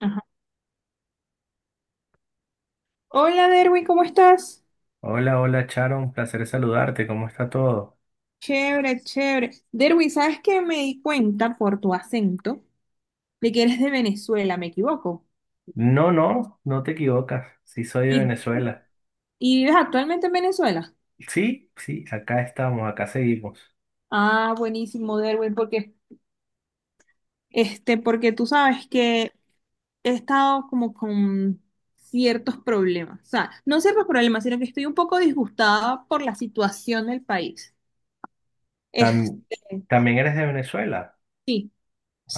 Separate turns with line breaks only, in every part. Ajá. Hola Derwin, ¿cómo estás?
Hola, hola Charo, un placer saludarte, ¿cómo está todo?
Chévere, chévere. Derwin, ¿sabes qué? Me di cuenta por tu acento de que eres de Venezuela, ¿me equivoco?
No, no, no te equivocas, sí soy de
¿Y,
Venezuela.
y vives actualmente en Venezuela?
Sí, sí, acá estamos, acá seguimos.
Ah, buenísimo, Derwin, porque, este, porque tú sabes que he estado como con ciertos problemas. O sea, no ciertos problemas, sino que estoy un poco disgustada por la situación del país.
Tam-
Este,
¿También eres de Venezuela?
sí,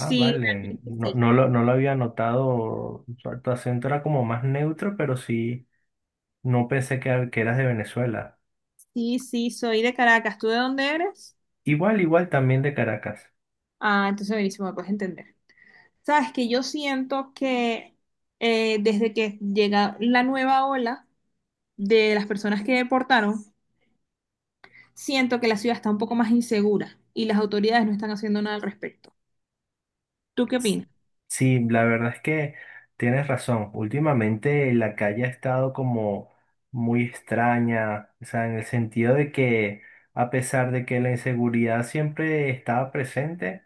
Ah, vale,
realmente
no,
sí.
no lo había notado, tu acento era como más neutro, pero sí, no pensé que eras de Venezuela.
Sí, sí, soy de Caracas. ¿Tú de dónde eres?
Igual, igual también de Caracas.
Ah, entonces buenísimo, me puedes entender. Sabes que yo siento que desde que llega la nueva ola de las personas que deportaron, siento que la ciudad está un poco más insegura y las autoridades no están haciendo nada al respecto. ¿Tú qué opinas?
Sí, la verdad es que tienes razón. Últimamente la calle ha estado como muy extraña, o sea, en el sentido de que a pesar de que la inseguridad siempre estaba presente,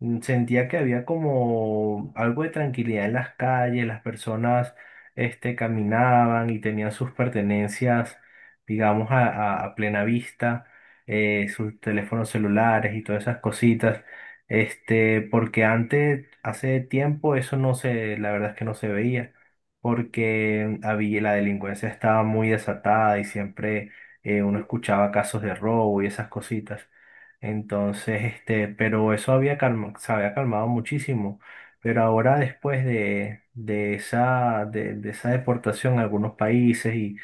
sentía que había como algo de tranquilidad en las calles, las personas caminaban y tenían sus pertenencias, digamos, a plena vista, sus teléfonos celulares y todas esas cositas, porque antes, hace tiempo, eso no se, la verdad es que no se veía, porque había, la delincuencia estaba muy desatada y siempre uno escuchaba casos de robo y esas cositas. Entonces, pero eso había se había calmado muchísimo. Pero ahora después de esa, de esa deportación a algunos países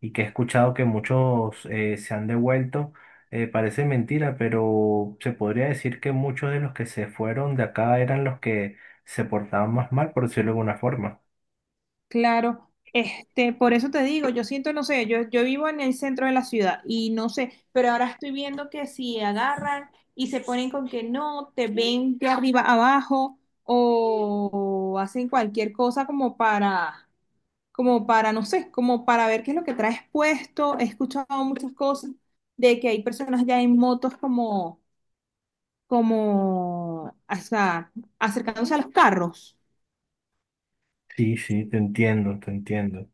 y que he escuchado que muchos se han devuelto, parece mentira, pero se podría decir que muchos de los que se fueron de acá eran los que se portaban más mal, por decirlo de alguna forma.
Claro, este, por eso te digo, yo siento, no sé, yo vivo en el centro de la ciudad y no sé, pero ahora estoy viendo que si agarran y se ponen con que no, te ven de arriba abajo o hacen cualquier cosa como para como para, no sé, como para ver qué es lo que traes puesto. He escuchado muchas cosas de que hay personas ya en motos como, como, o sea, acercándose a los carros.
Sí, sí, te entiendo, te entiendo.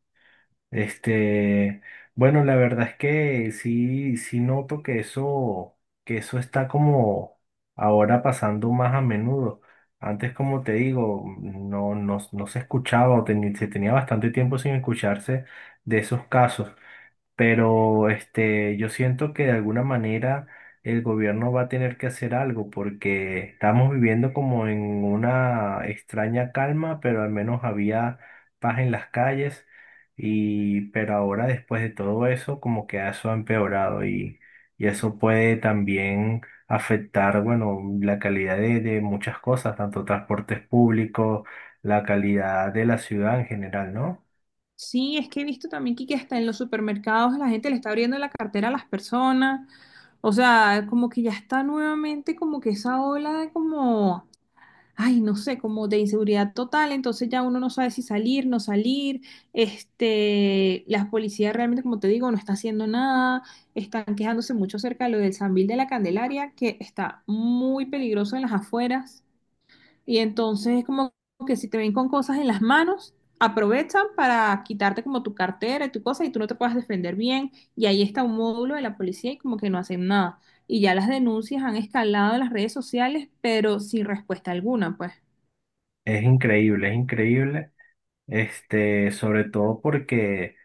Este, bueno, la verdad es que sí, sí noto que eso está como ahora pasando más a menudo. Antes, como te digo, no se escuchaba o se tenía bastante tiempo sin escucharse de esos casos. Pero yo siento que de alguna manera el gobierno va a tener que hacer algo porque estamos viviendo como en una extraña calma, pero al menos había paz en las calles y pero ahora después de todo eso como que eso ha empeorado y eso puede también afectar, bueno, la calidad de muchas cosas, tanto transportes públicos, la calidad de la ciudad en general, ¿no?
Sí, es que he visto también que hasta en los supermercados la gente le está abriendo la cartera a las personas. O sea, como que ya está nuevamente como que esa ola de como ay, no sé, como de inseguridad total, entonces ya uno no sabe si salir, no salir, este, la policía realmente, como te digo, no está haciendo nada, están quejándose mucho acerca de lo del Sambil de la Candelaria, que está muy peligroso en las afueras, y entonces es como que si te ven con cosas en las manos, aprovechan para quitarte como tu cartera y tu cosa y tú no te puedas defender bien, y ahí está un módulo de la policía y como que no hacen nada. Y ya las denuncias han escalado en las redes sociales, pero sin respuesta alguna, pues.
Es increíble, es increíble. Sobre todo porque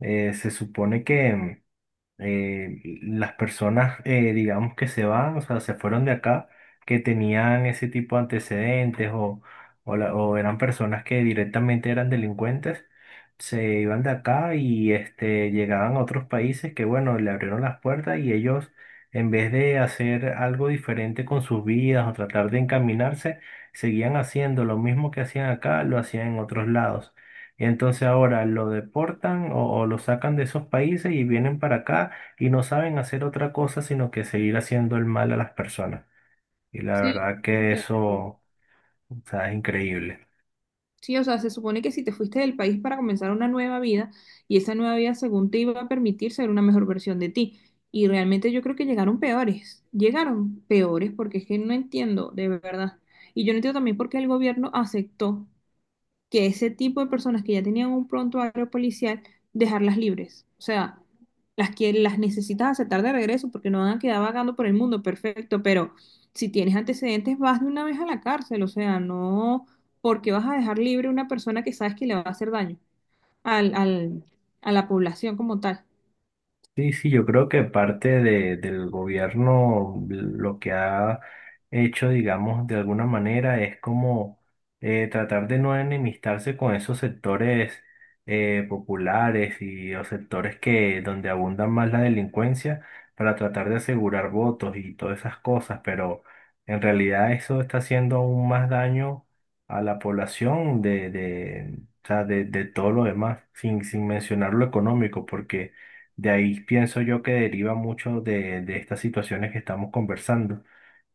se supone que las personas, digamos que se van, o sea, se fueron de acá, que tenían ese tipo de antecedentes o, o eran personas que directamente eran delincuentes, se iban de acá y llegaban a otros países que, bueno, le abrieron las puertas y ellos, en vez de hacer algo diferente con sus vidas o tratar de encaminarse, seguían haciendo lo mismo que hacían acá, lo hacían en otros lados. Y entonces ahora lo deportan o lo sacan de esos países y vienen para acá y no saben hacer otra cosa sino que seguir haciendo el mal a las personas. Y la
Sí,
verdad que
entiendo.
eso, o sea, es increíble.
Sí, o sea, se supone que si te fuiste del país para comenzar una nueva vida y esa nueva vida según te iba a permitir ser una mejor versión de ti. Y realmente yo creo que llegaron peores porque es que no entiendo, de verdad. Y yo no entiendo también por qué el gobierno aceptó que ese tipo de personas que ya tenían un prontuario policial, dejarlas libres. O sea, las que las necesitas aceptar de regreso porque no van a quedar vagando por el mundo, perfecto, pero si tienes antecedentes, vas de una vez a la cárcel, o sea, no porque vas a dejar libre a una persona que sabes que le va a hacer daño al, al- a la población como tal.
Sí, sí, yo creo que parte del gobierno lo que ha hecho, digamos, de alguna manera es como tratar de no enemistarse con esos sectores populares y o sectores que donde abundan más la delincuencia para tratar de asegurar votos y todas esas cosas, pero en realidad eso está haciendo aún más daño a la población de o sea, de todo lo demás, sin mencionar lo económico, porque... De ahí pienso yo que deriva mucho de estas situaciones que estamos conversando.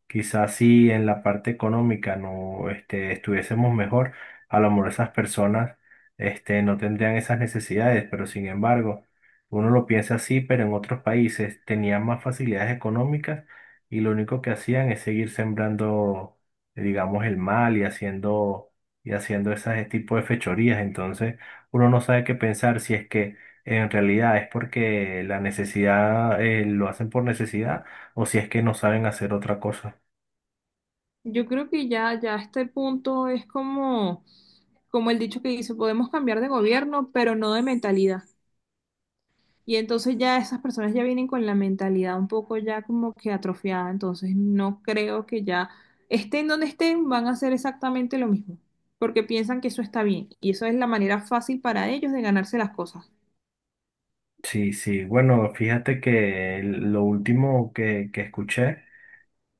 Quizás si en la parte económica no estuviésemos mejor, a lo mejor esas personas no tendrían esas necesidades, pero sin embargo, uno lo piensa así, pero en otros países tenían más facilidades económicas y lo único que hacían es seguir sembrando, digamos, el mal y haciendo ese tipo de fechorías. Entonces, uno no sabe qué pensar si es que en realidad es porque la necesidad, lo hacen por necesidad o si es que no saben hacer otra cosa.
Yo creo que ya, ya a este punto es como, como el dicho que dice, podemos cambiar de gobierno, pero no de mentalidad. Y entonces ya esas personas ya vienen con la mentalidad un poco ya como que atrofiada, entonces no creo que ya estén donde estén, van a hacer exactamente lo mismo, porque piensan que eso está bien y eso es la manera fácil para ellos de ganarse las cosas.
Sí, sí, bueno, fíjate que lo último que escuché,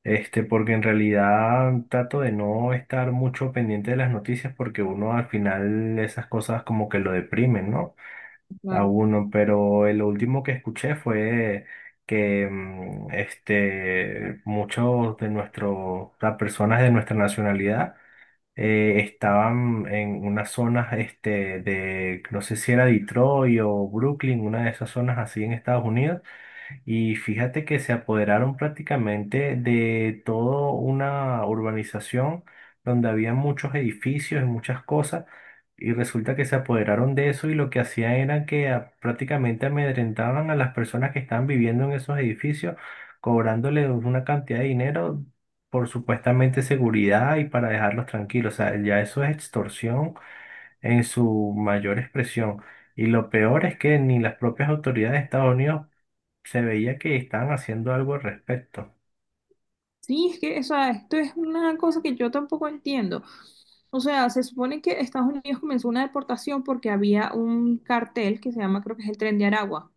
porque en realidad trato de no estar mucho pendiente de las noticias porque uno al final esas cosas como que lo deprimen, ¿no? A
Claro.
uno, pero el último que escuché fue que muchos de nuestros, las personas de nuestra nacionalidad, estaban en unas zonas de, no sé si era Detroit o Brooklyn, una de esas zonas así en Estados Unidos. Y fíjate que se apoderaron prácticamente de toda una urbanización donde había muchos edificios y muchas cosas. Y resulta que se apoderaron de eso y lo que hacían era que prácticamente amedrentaban a las personas que estaban viviendo en esos edificios, cobrándoles una cantidad de dinero por supuestamente seguridad y para dejarlos tranquilos. O sea, ya eso es extorsión en su mayor expresión. Y lo peor es que ni las propias autoridades de Estados Unidos se veía que estaban haciendo algo al respecto.
Sí, es que, o sea, esto es una cosa que yo tampoco entiendo. O sea, se supone que Estados Unidos comenzó una deportación porque había un cartel que se llama, creo que es el Tren de Aragua.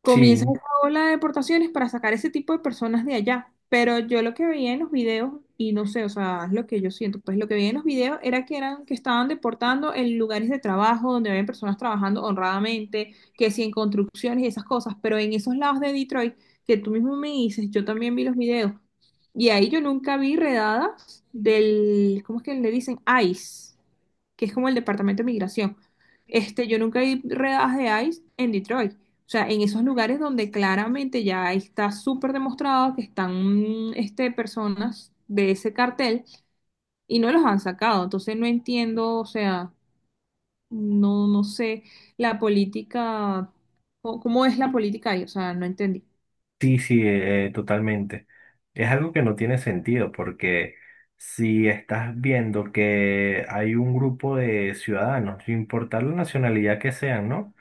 Comienza
Sí,
esa ola de deportaciones para sacar ese tipo de personas de allá. Pero yo lo que veía en los videos, y no sé, o sea, es lo que yo siento, pues lo que veía en los videos era que eran, que estaban deportando en lugares de trabajo donde habían personas trabajando honradamente, que si en construcciones y esas cosas, pero en esos lados de Detroit, que tú mismo me dices, yo también vi los videos, y ahí yo nunca vi redadas del, ¿cómo es que le dicen? ICE, que es como el Departamento de Migración. Este, yo nunca vi redadas de ICE en Detroit. O sea, en esos lugares donde claramente ya está súper demostrado que están este, personas de ese cartel y no los han sacado. Entonces no entiendo, o sea, no, no sé la política, o- cómo es la política ahí, o sea, no entendí.
sí, totalmente. Es algo que no tiene sentido porque si estás viendo que hay un grupo de ciudadanos, sin importar la nacionalidad que sean, ¿no?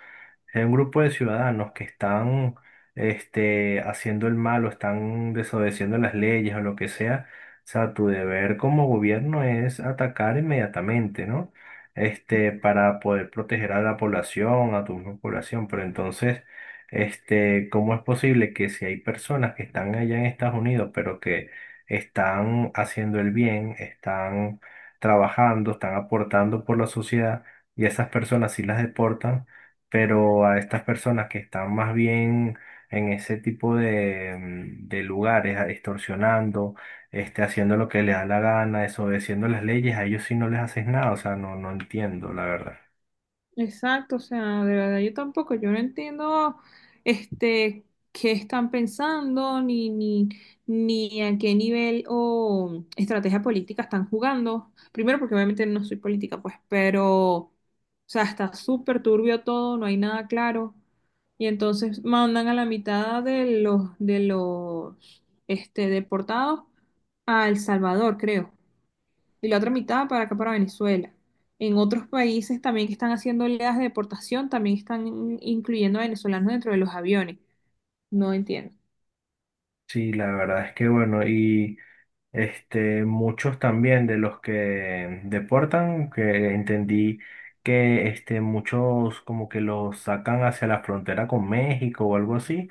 Es un grupo de ciudadanos que están haciendo el mal o están desobedeciendo las leyes o lo que sea. O sea, tu deber como gobierno es atacar inmediatamente, ¿no? Para poder proteger a la población, a tu misma población. Pero entonces, ¿cómo es posible que si hay personas que están allá en Estados Unidos, pero que están haciendo el bien, están trabajando, están aportando por la sociedad, y a esas personas sí las deportan? Pero a estas personas que están más bien en ese tipo de lugares, extorsionando, haciendo lo que les da la gana, desobedeciendo las leyes, a ellos sí no les haces nada, o sea, no, no entiendo, la verdad.
Exacto, o sea, de verdad yo tampoco, yo no entiendo este qué están pensando, ni, ni, ni a qué nivel o estrategia política están jugando. Primero, porque obviamente no soy política, pues, pero, o sea, está súper turbio todo, no hay nada claro. Y entonces mandan a la mitad de los este, deportados a El Salvador, creo, y la otra mitad para acá, para Venezuela. En otros países también que están haciendo oleadas de deportación, también están in- incluyendo a venezolanos dentro de los aviones. No entiendo.
Sí, la verdad es que bueno, este, muchos también de los que deportan, que entendí que muchos como que los sacan hacia la frontera con México o algo así.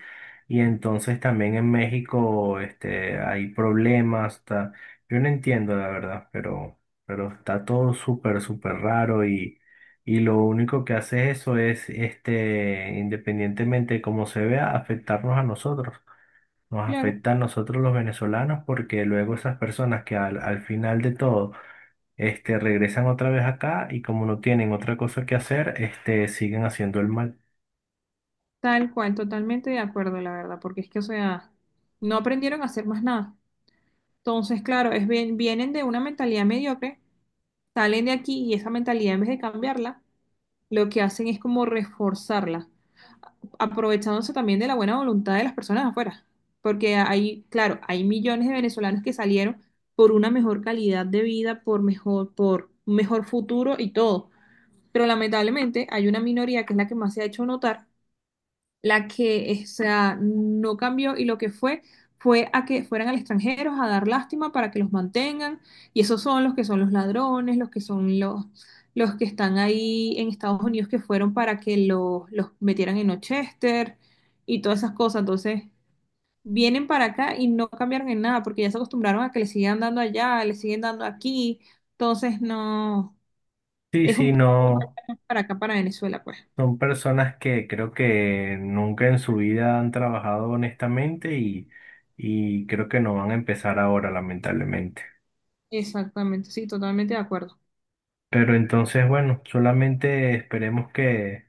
Y entonces también en México hay problemas. Yo no entiendo la verdad, pero está todo súper, súper raro y lo único que hace eso es, este, independientemente de cómo se vea, afectarnos a nosotros nos
Claro,
afecta a nosotros los venezolanos porque luego esas personas que al final de todo regresan otra vez acá y como no tienen otra cosa que hacer, siguen haciendo el mal.
tal cual, totalmente de acuerdo, la verdad, porque es que, o sea, no aprendieron a hacer más nada. Entonces, claro, es bien, vienen de una mentalidad mediocre, salen de aquí y esa mentalidad en vez de cambiarla, lo que hacen es como reforzarla. Aprovechándose también de la buena voluntad de las personas afuera, porque hay, claro, hay millones de venezolanos que salieron por una mejor calidad de vida, por mejor, por un mejor futuro y todo, pero lamentablemente hay una minoría que es la que más se ha hecho notar, la que, o sea, no cambió y lo que fue fue a que fueran al extranjero a dar lástima para que los mantengan, y esos son los que son los ladrones, los que son los que están ahí en Estados Unidos que fueron para que los metieran en Ochester y todas esas cosas. Entonces, vienen para acá y no cambiaron en nada porque ya se acostumbraron a que le sigan dando allá, le siguen dando aquí. Entonces, no,
Sí,
es
sí,
un problema
no.
ya para acá, para Venezuela, pues.
Son personas que creo que nunca en su vida han trabajado honestamente y creo que no van a empezar ahora, lamentablemente.
Exactamente, sí, totalmente de acuerdo.
Pero entonces, bueno, solamente esperemos que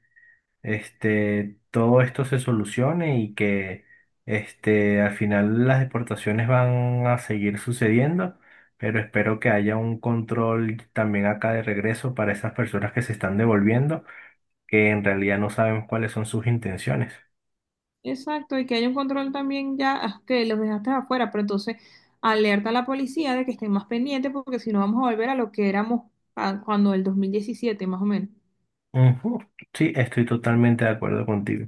todo esto se solucione y que al final las deportaciones van a seguir sucediendo, pero espero que haya un control también acá de regreso para esas personas que se están devolviendo, que en realidad no sabemos cuáles son sus intenciones.
Exacto, y que haya un control también ya, ah, que los dejaste afuera, pero entonces alerta a la policía de que estén más pendientes porque si no vamos a volver a lo que éramos ah, cuando el 2017 más o menos.
Ujú. Sí, estoy totalmente de acuerdo contigo.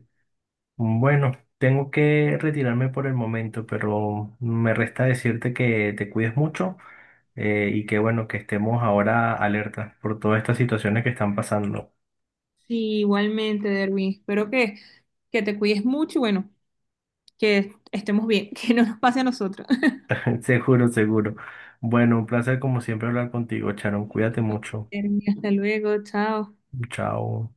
Bueno, tengo que retirarme por el momento, pero me resta decirte que te cuides mucho y que bueno, que estemos ahora alerta por todas estas situaciones que están pasando.
Sí, igualmente, Derwin, espero que te cuides mucho y bueno, que estemos bien, que no nos pase a nosotros.
Seguro, seguro. Bueno, un placer como siempre hablar contigo, Charon. Cuídate mucho.
Derwin, hasta luego, chao.
Chao.